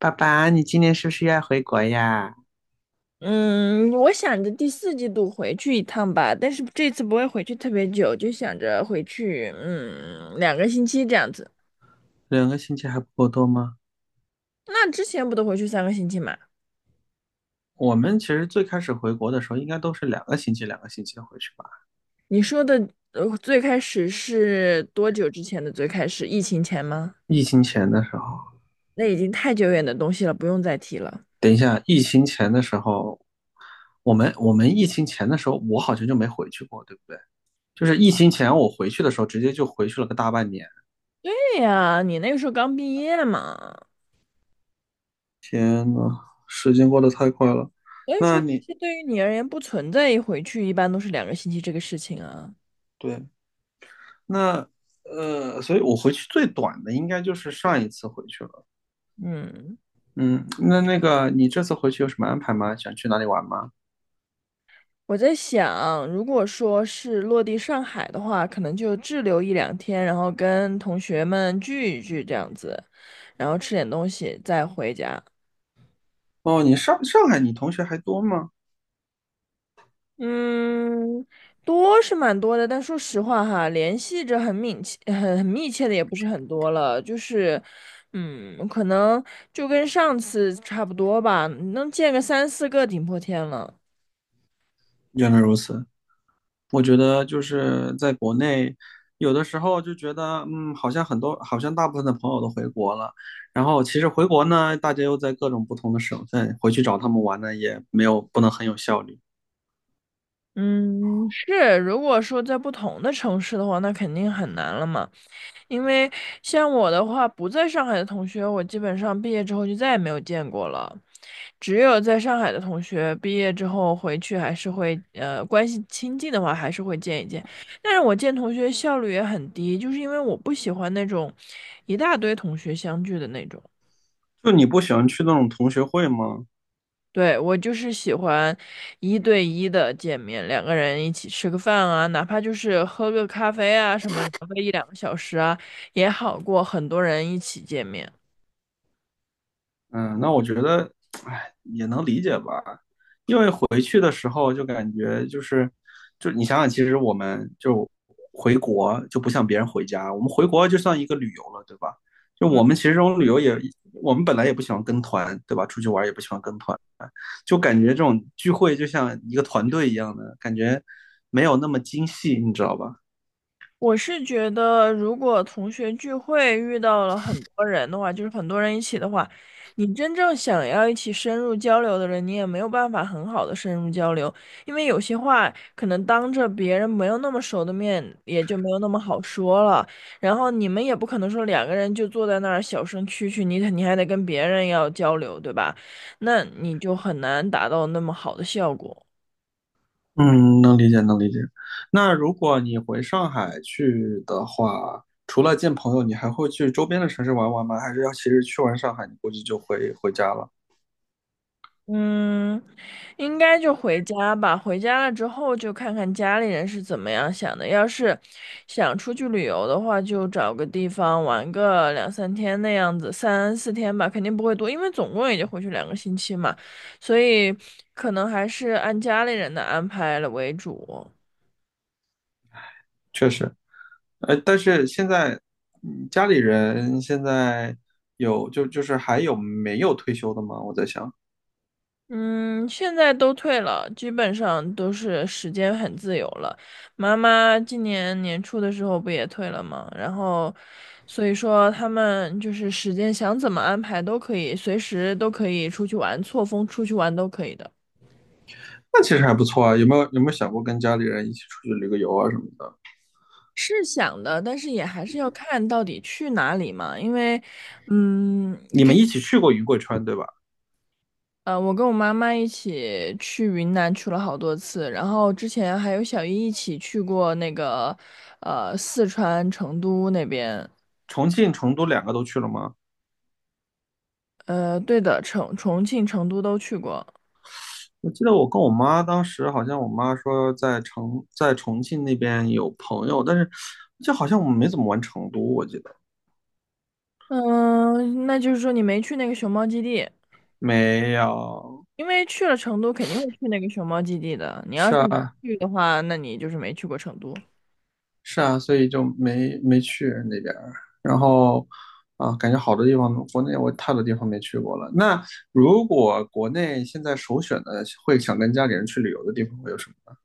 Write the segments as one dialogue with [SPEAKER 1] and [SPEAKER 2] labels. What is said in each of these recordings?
[SPEAKER 1] 爸爸，你今年是不是要回国呀？
[SPEAKER 2] 嗯，我想着第四季度回去一趟吧，但是这次不会回去特别久，就想着回去，两个星期这样子。
[SPEAKER 1] 两个星期还不够多吗？
[SPEAKER 2] 那之前不都回去三个星期嘛？
[SPEAKER 1] 我们其实最开始回国的时候，应该都是两个星期、两个星期回去吧。
[SPEAKER 2] 你说的，最开始是多久之前的最开始？疫情前吗？
[SPEAKER 1] 疫情前的时候，
[SPEAKER 2] 那已经太久远的东西了，不用再提了。
[SPEAKER 1] 等一下，疫情前的时候，我们疫情前的时候，我好像就没回去过，对不对？就是疫情前我回去的时候，直接就回去了个大半年。
[SPEAKER 2] 对呀，你那个时候刚毕业嘛，
[SPEAKER 1] 天呐，时间过得太快了。
[SPEAKER 2] 所以说
[SPEAKER 1] 那你
[SPEAKER 2] 其实对于你而言不存在一回去，一般都是两个星期这个事情啊。
[SPEAKER 1] 对，那所以我回去最短的应该就是上一次回去了。
[SPEAKER 2] 嗯。
[SPEAKER 1] 嗯，那那个你这次回去有什么安排吗？想去哪里玩吗？
[SPEAKER 2] 我在想，如果说是落地上海的话，可能就滞留一两天，然后跟同学们聚一聚这样子，然后吃点东西再回家。
[SPEAKER 1] 哦，你上海，你同学还多吗？
[SPEAKER 2] 嗯，多是蛮多的，但说实话哈，联系着很密切、很密切的也不是很多了，就是，可能就跟上次差不多吧，能见个三四个顶破天了。
[SPEAKER 1] 原来如此，我觉得就是在国内，有的时候就觉得，嗯，好像很多，好像大部分的朋友都回国了，然后其实回国呢，大家又在各种不同的省份，回去找他们玩呢，也没有不能很有效率。
[SPEAKER 2] 嗯，是，如果说在不同的城市的话，那肯定很难了嘛。因为像我的话，不在上海的同学，我基本上毕业之后就再也没有见过了。只有在上海的同学，毕业之后回去还是会，关系亲近的话还是会见一见。但是我见同学效率也很低，就是因为我不喜欢那种一大堆同学相聚的那种。
[SPEAKER 1] 就你不喜欢去那种同学会吗？
[SPEAKER 2] 对，我就是喜欢一对一的见面，两个人一起吃个饭啊，哪怕就是喝个咖啡啊，什么聊个一两个小时啊，也好过很多人一起见面。
[SPEAKER 1] 嗯，那我觉得，哎，也能理解吧。回去的时候就感觉就是，就你想想，其实我们就回国就不像别人回家，我们回国就算一个旅游了，对吧？就
[SPEAKER 2] 嗯。
[SPEAKER 1] 我们其实这种旅游也，我们本来也不喜欢跟团，对吧？出去玩也不喜欢跟团，就感觉这种聚会就像一个团队一样的感觉，没有那么精细，你知道吧？
[SPEAKER 2] 我是觉得，如果同学聚会遇到了很多人的话，就是很多人一起的话，你真正想要一起深入交流的人，你也没有办法很好的深入交流，因为有些话可能当着别人没有那么熟的面，也就没有那么好说了。然后你们也不可能说两个人就坐在那儿小声蛐蛐，你还得跟别人要交流，对吧？那你就很难达到那么好的效果。
[SPEAKER 1] 嗯，能理解，能理解。那如果你回上海去的话，除了见朋友，你还会去周边的城市玩玩吗？还是要其实去完上海，你估计就回家了？
[SPEAKER 2] 嗯，应该就回家吧。回家了之后，就看看家里人是怎么样想的。要是想出去旅游的话，就找个地方玩个两三天那样子，三四天吧，肯定不会多，因为总共也就回去两个星期嘛，所以可能还是按家里人的安排了为主。
[SPEAKER 1] 确实，但是现在，嗯家里人现在就是还有没有退休的吗？我在想，
[SPEAKER 2] 嗯，现在都退了，基本上都是时间很自由了。妈妈今年年初的时候不也退了吗？然后，所以说他们就是时间想怎么安排都可以，随时都可以出去玩，错峰出去玩都可以的。
[SPEAKER 1] 那其实还不错啊。有没有想过跟家里人一起出去旅个游啊什么的？
[SPEAKER 2] 是想的，但是也还是要看到底去哪里嘛，因为，嗯，
[SPEAKER 1] 你们一起去过云贵川对吧？
[SPEAKER 2] 我跟我妈妈一起去云南去了好多次，然后之前还有小姨一起去过那个，四川成都那边，
[SPEAKER 1] 重庆、成都两个都去了吗？
[SPEAKER 2] 对的，成重庆、成都都去过。
[SPEAKER 1] 我记得我跟我妈当时好像我妈说在重庆那边有朋友，但是就好像我们没怎么玩成都，我记得
[SPEAKER 2] 嗯、那就是说你没去那个熊猫基地，
[SPEAKER 1] 没有。
[SPEAKER 2] 因为去了成都肯定会去那个熊猫基地的。你要
[SPEAKER 1] 是
[SPEAKER 2] 是没
[SPEAKER 1] 啊，
[SPEAKER 2] 去的话，那你就是没去过成都。
[SPEAKER 1] 是啊，所以就没没去那边儿。然后啊，感觉好多地方，国内我太多地方没去过了。那如果国内现在首选的会想跟家里人去旅游的地方会有什么呢？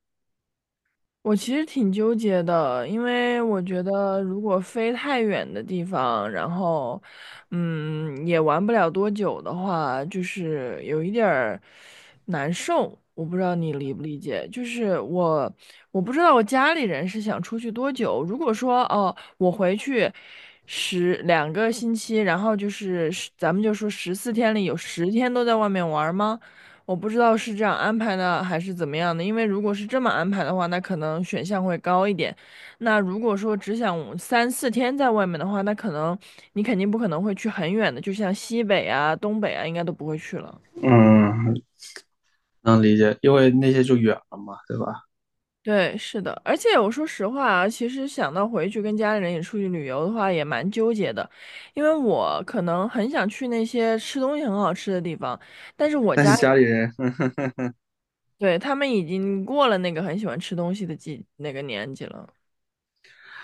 [SPEAKER 2] 我其实挺纠结的，因为我觉得如果飞太远的地方，然后，也玩不了多久的话，就是有一点儿难受。我不知道你理不理解，我不知道我家里人是想出去多久。如果说哦，我回去十两个星期，然后就是十咱们就说十四天里有十天都在外面玩儿吗？我不知道是这样安排的还是怎么样的，因为如果是这么安排的话，那可能选项会高一点。那如果说只想三四天在外面的话，那可能你肯定不可能会去很远的，就像西北啊、东北啊，应该都不会去了。
[SPEAKER 1] 嗯，能理解，因为那些就远了嘛，对吧？
[SPEAKER 2] 对，是的，而且我说实话啊，其实想到回去跟家里人也出去旅游的话，也蛮纠结的，因为我可能很想去那些吃东西很好吃的地方，但是我
[SPEAKER 1] 但是
[SPEAKER 2] 家，
[SPEAKER 1] 家里人，
[SPEAKER 2] 对，他们已经过了那个很喜欢吃东西的季那个年纪了。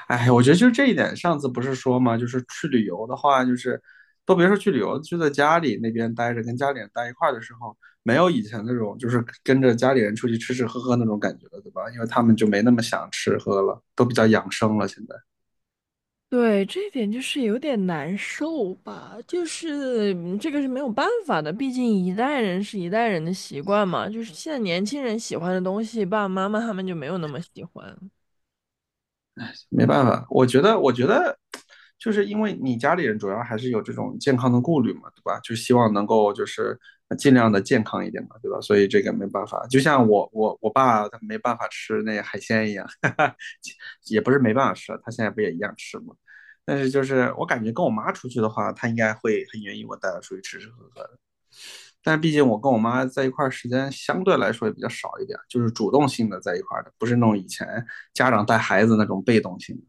[SPEAKER 1] 哎，我觉得就是这一点，上次不是说嘛，就是去旅游的话，就是都别说去旅游，就在家里那边待着，跟家里人待一块儿的时候，没有以前那种就是跟着家里人出去吃吃喝喝那种感觉了，对吧？因为他们就没那么想吃喝了，都比较养生了，现在。
[SPEAKER 2] 对，这一点就是有点难受吧，就是这个是没有办法的，毕竟一代人是一代人的习惯嘛，就是现在年轻人喜欢的东西，爸爸妈妈他们就没有那么喜欢。
[SPEAKER 1] 没办法，我觉得，我觉得，就是因为你家里人主要还是有这种健康的顾虑嘛，对吧？就希望能够就是尽量的健康一点嘛，对吧？所以这个没办法，就像我我爸他没办法吃那海鲜一样，哈哈，也不是没办法吃啊，他现在不也一样吃吗？但是就是我感觉跟我妈出去的话，他应该会很愿意我带他出去吃吃喝喝的。但是毕竟我跟我妈在一块儿时间相对来说也比较少一点，就是主动性的在一块儿的，不是那种以前家长带孩子那种被动性的。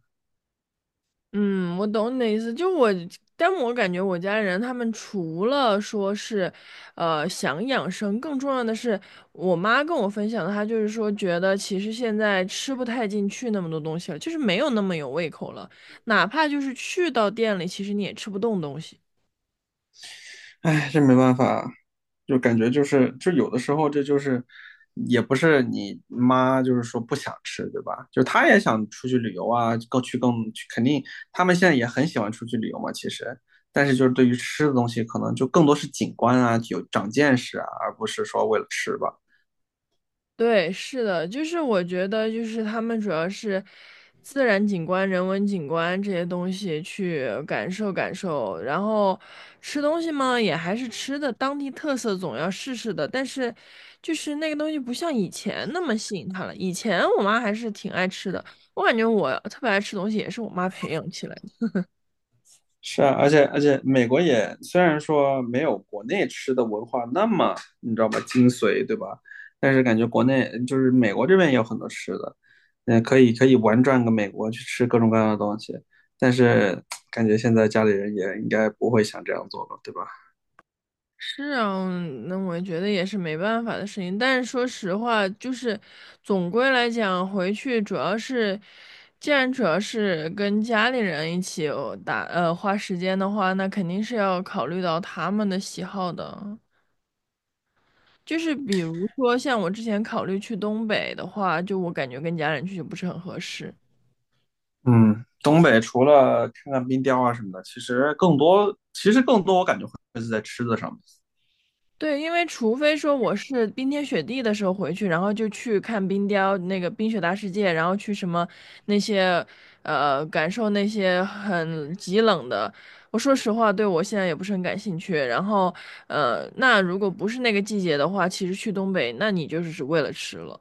[SPEAKER 2] 嗯，我懂你的意思，但我感觉我家人他们除了说是，想养生，更重要的是，我妈跟我分享的，她就是说觉得其实现在吃不太进去那么多东西了，就是没有那么有胃口了，哪怕就是去到店里，其实你也吃不动东西。
[SPEAKER 1] 哎，这没办法，就感觉就是，就有的时候这就是，也不是你妈就是说不想吃，对吧？就她也想出去旅游啊，更去，肯定他们现在也很喜欢出去旅游嘛，其实，但是就是对于吃的东西，可能就更多是景观啊，有长见识啊，而不是说为了吃吧。
[SPEAKER 2] 对，是的，就是我觉得，就是他们主要是自然景观、人文景观这些东西去感受感受，然后吃东西嘛，也还是吃的当地特色，总要试试的。但是，就是那个东西不像以前那么吸引他了。以前我妈还是挺爱吃的，我感觉我特别爱吃东西也是我妈培养起来的。
[SPEAKER 1] 是啊，而且美国也虽然说没有国内吃的文化那么你知道吧精髓，对吧？但是感觉国内就是美国这边也有很多吃的，嗯，可以玩转个美国去吃各种各样的东西。但是感觉现在家里人也应该不会想这样做了，对吧？
[SPEAKER 2] 是啊，那我觉得也是没办法的事情。但是说实话，就是总归来讲，回去主要是，既然主要是跟家里人一起哦打呃花时间的话，那肯定是要考虑到他们的喜好的。就是比如说像我之前考虑去东北的话，就我感觉跟家人去就不是很合适。
[SPEAKER 1] 嗯，东北除了看看冰雕啊什么的，其实更多我感觉会是在吃的上面。
[SPEAKER 2] 对，因为除非说我是冰天雪地的时候回去，然后就去看冰雕那个冰雪大世界，然后去什么那些感受那些很极冷的。我说实话，对我现在也不是很感兴趣。然后那如果不是那个季节的话，其实去东北，那你就是只为了吃了。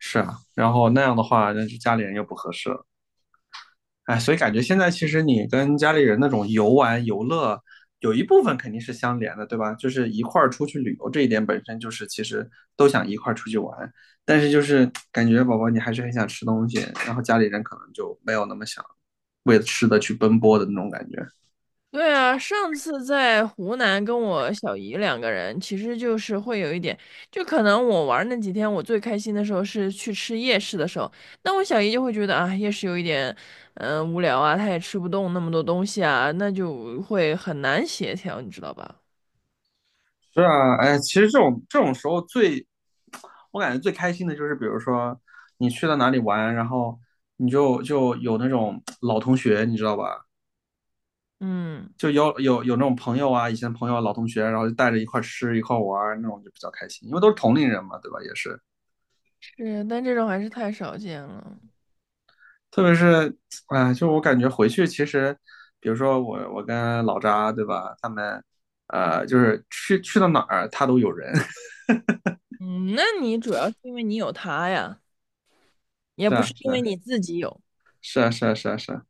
[SPEAKER 1] 是啊，然后那样的话，那就家里人又不合适了。哎，所以感觉现在其实你跟家里人那种游玩游乐，有一部分肯定是相连的，对吧？就是一块儿出去旅游这一点本身就是其实都想一块儿出去玩，但是就是感觉宝宝你还是很想吃东西，然后家里人可能就没有那么想为了吃的去奔波的那种感觉。
[SPEAKER 2] 对啊，上次在湖南跟我小姨两个人，其实就是会有一点，就可能我玩儿那几天，我最开心的时候是去吃夜市的时候，那我小姨就会觉得啊，夜市有一点，无聊啊，她也吃不动那么多东西啊，那就会很难协调，你知道吧？
[SPEAKER 1] 是啊，哎，其实这种时候最，我感觉最开心的就是，比如说你去到哪里玩，然后你就有那种老同学，你知道吧？
[SPEAKER 2] 嗯，
[SPEAKER 1] 就有那种朋友啊，以前朋友、老同学，然后就带着一块吃一块玩那种就比较开心，因为都是同龄人嘛，对吧？也是，
[SPEAKER 2] 是，但这种还是太少见了。
[SPEAKER 1] 特别是，哎，就我感觉回去其实，比如说我跟老扎，对吧？他们，就是去到哪儿他都有人，
[SPEAKER 2] 嗯，那你主要是因为你有它呀，也
[SPEAKER 1] 是
[SPEAKER 2] 不
[SPEAKER 1] 啊
[SPEAKER 2] 是
[SPEAKER 1] 是
[SPEAKER 2] 因为
[SPEAKER 1] 啊
[SPEAKER 2] 你自己有，
[SPEAKER 1] 是啊是啊是啊是啊，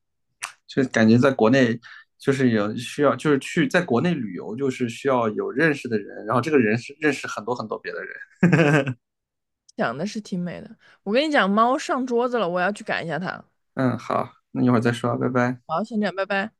[SPEAKER 1] 就感觉在国内就是有需要，就是去在国内旅游就是需要有认识的人，然后这个人是认识很多很多别的人。
[SPEAKER 2] 想的是挺美的。我跟你讲，猫上桌子了，我要去赶一下它。
[SPEAKER 1] 嗯，好，那一会儿再说，拜拜。
[SPEAKER 2] 好，先这样，拜拜。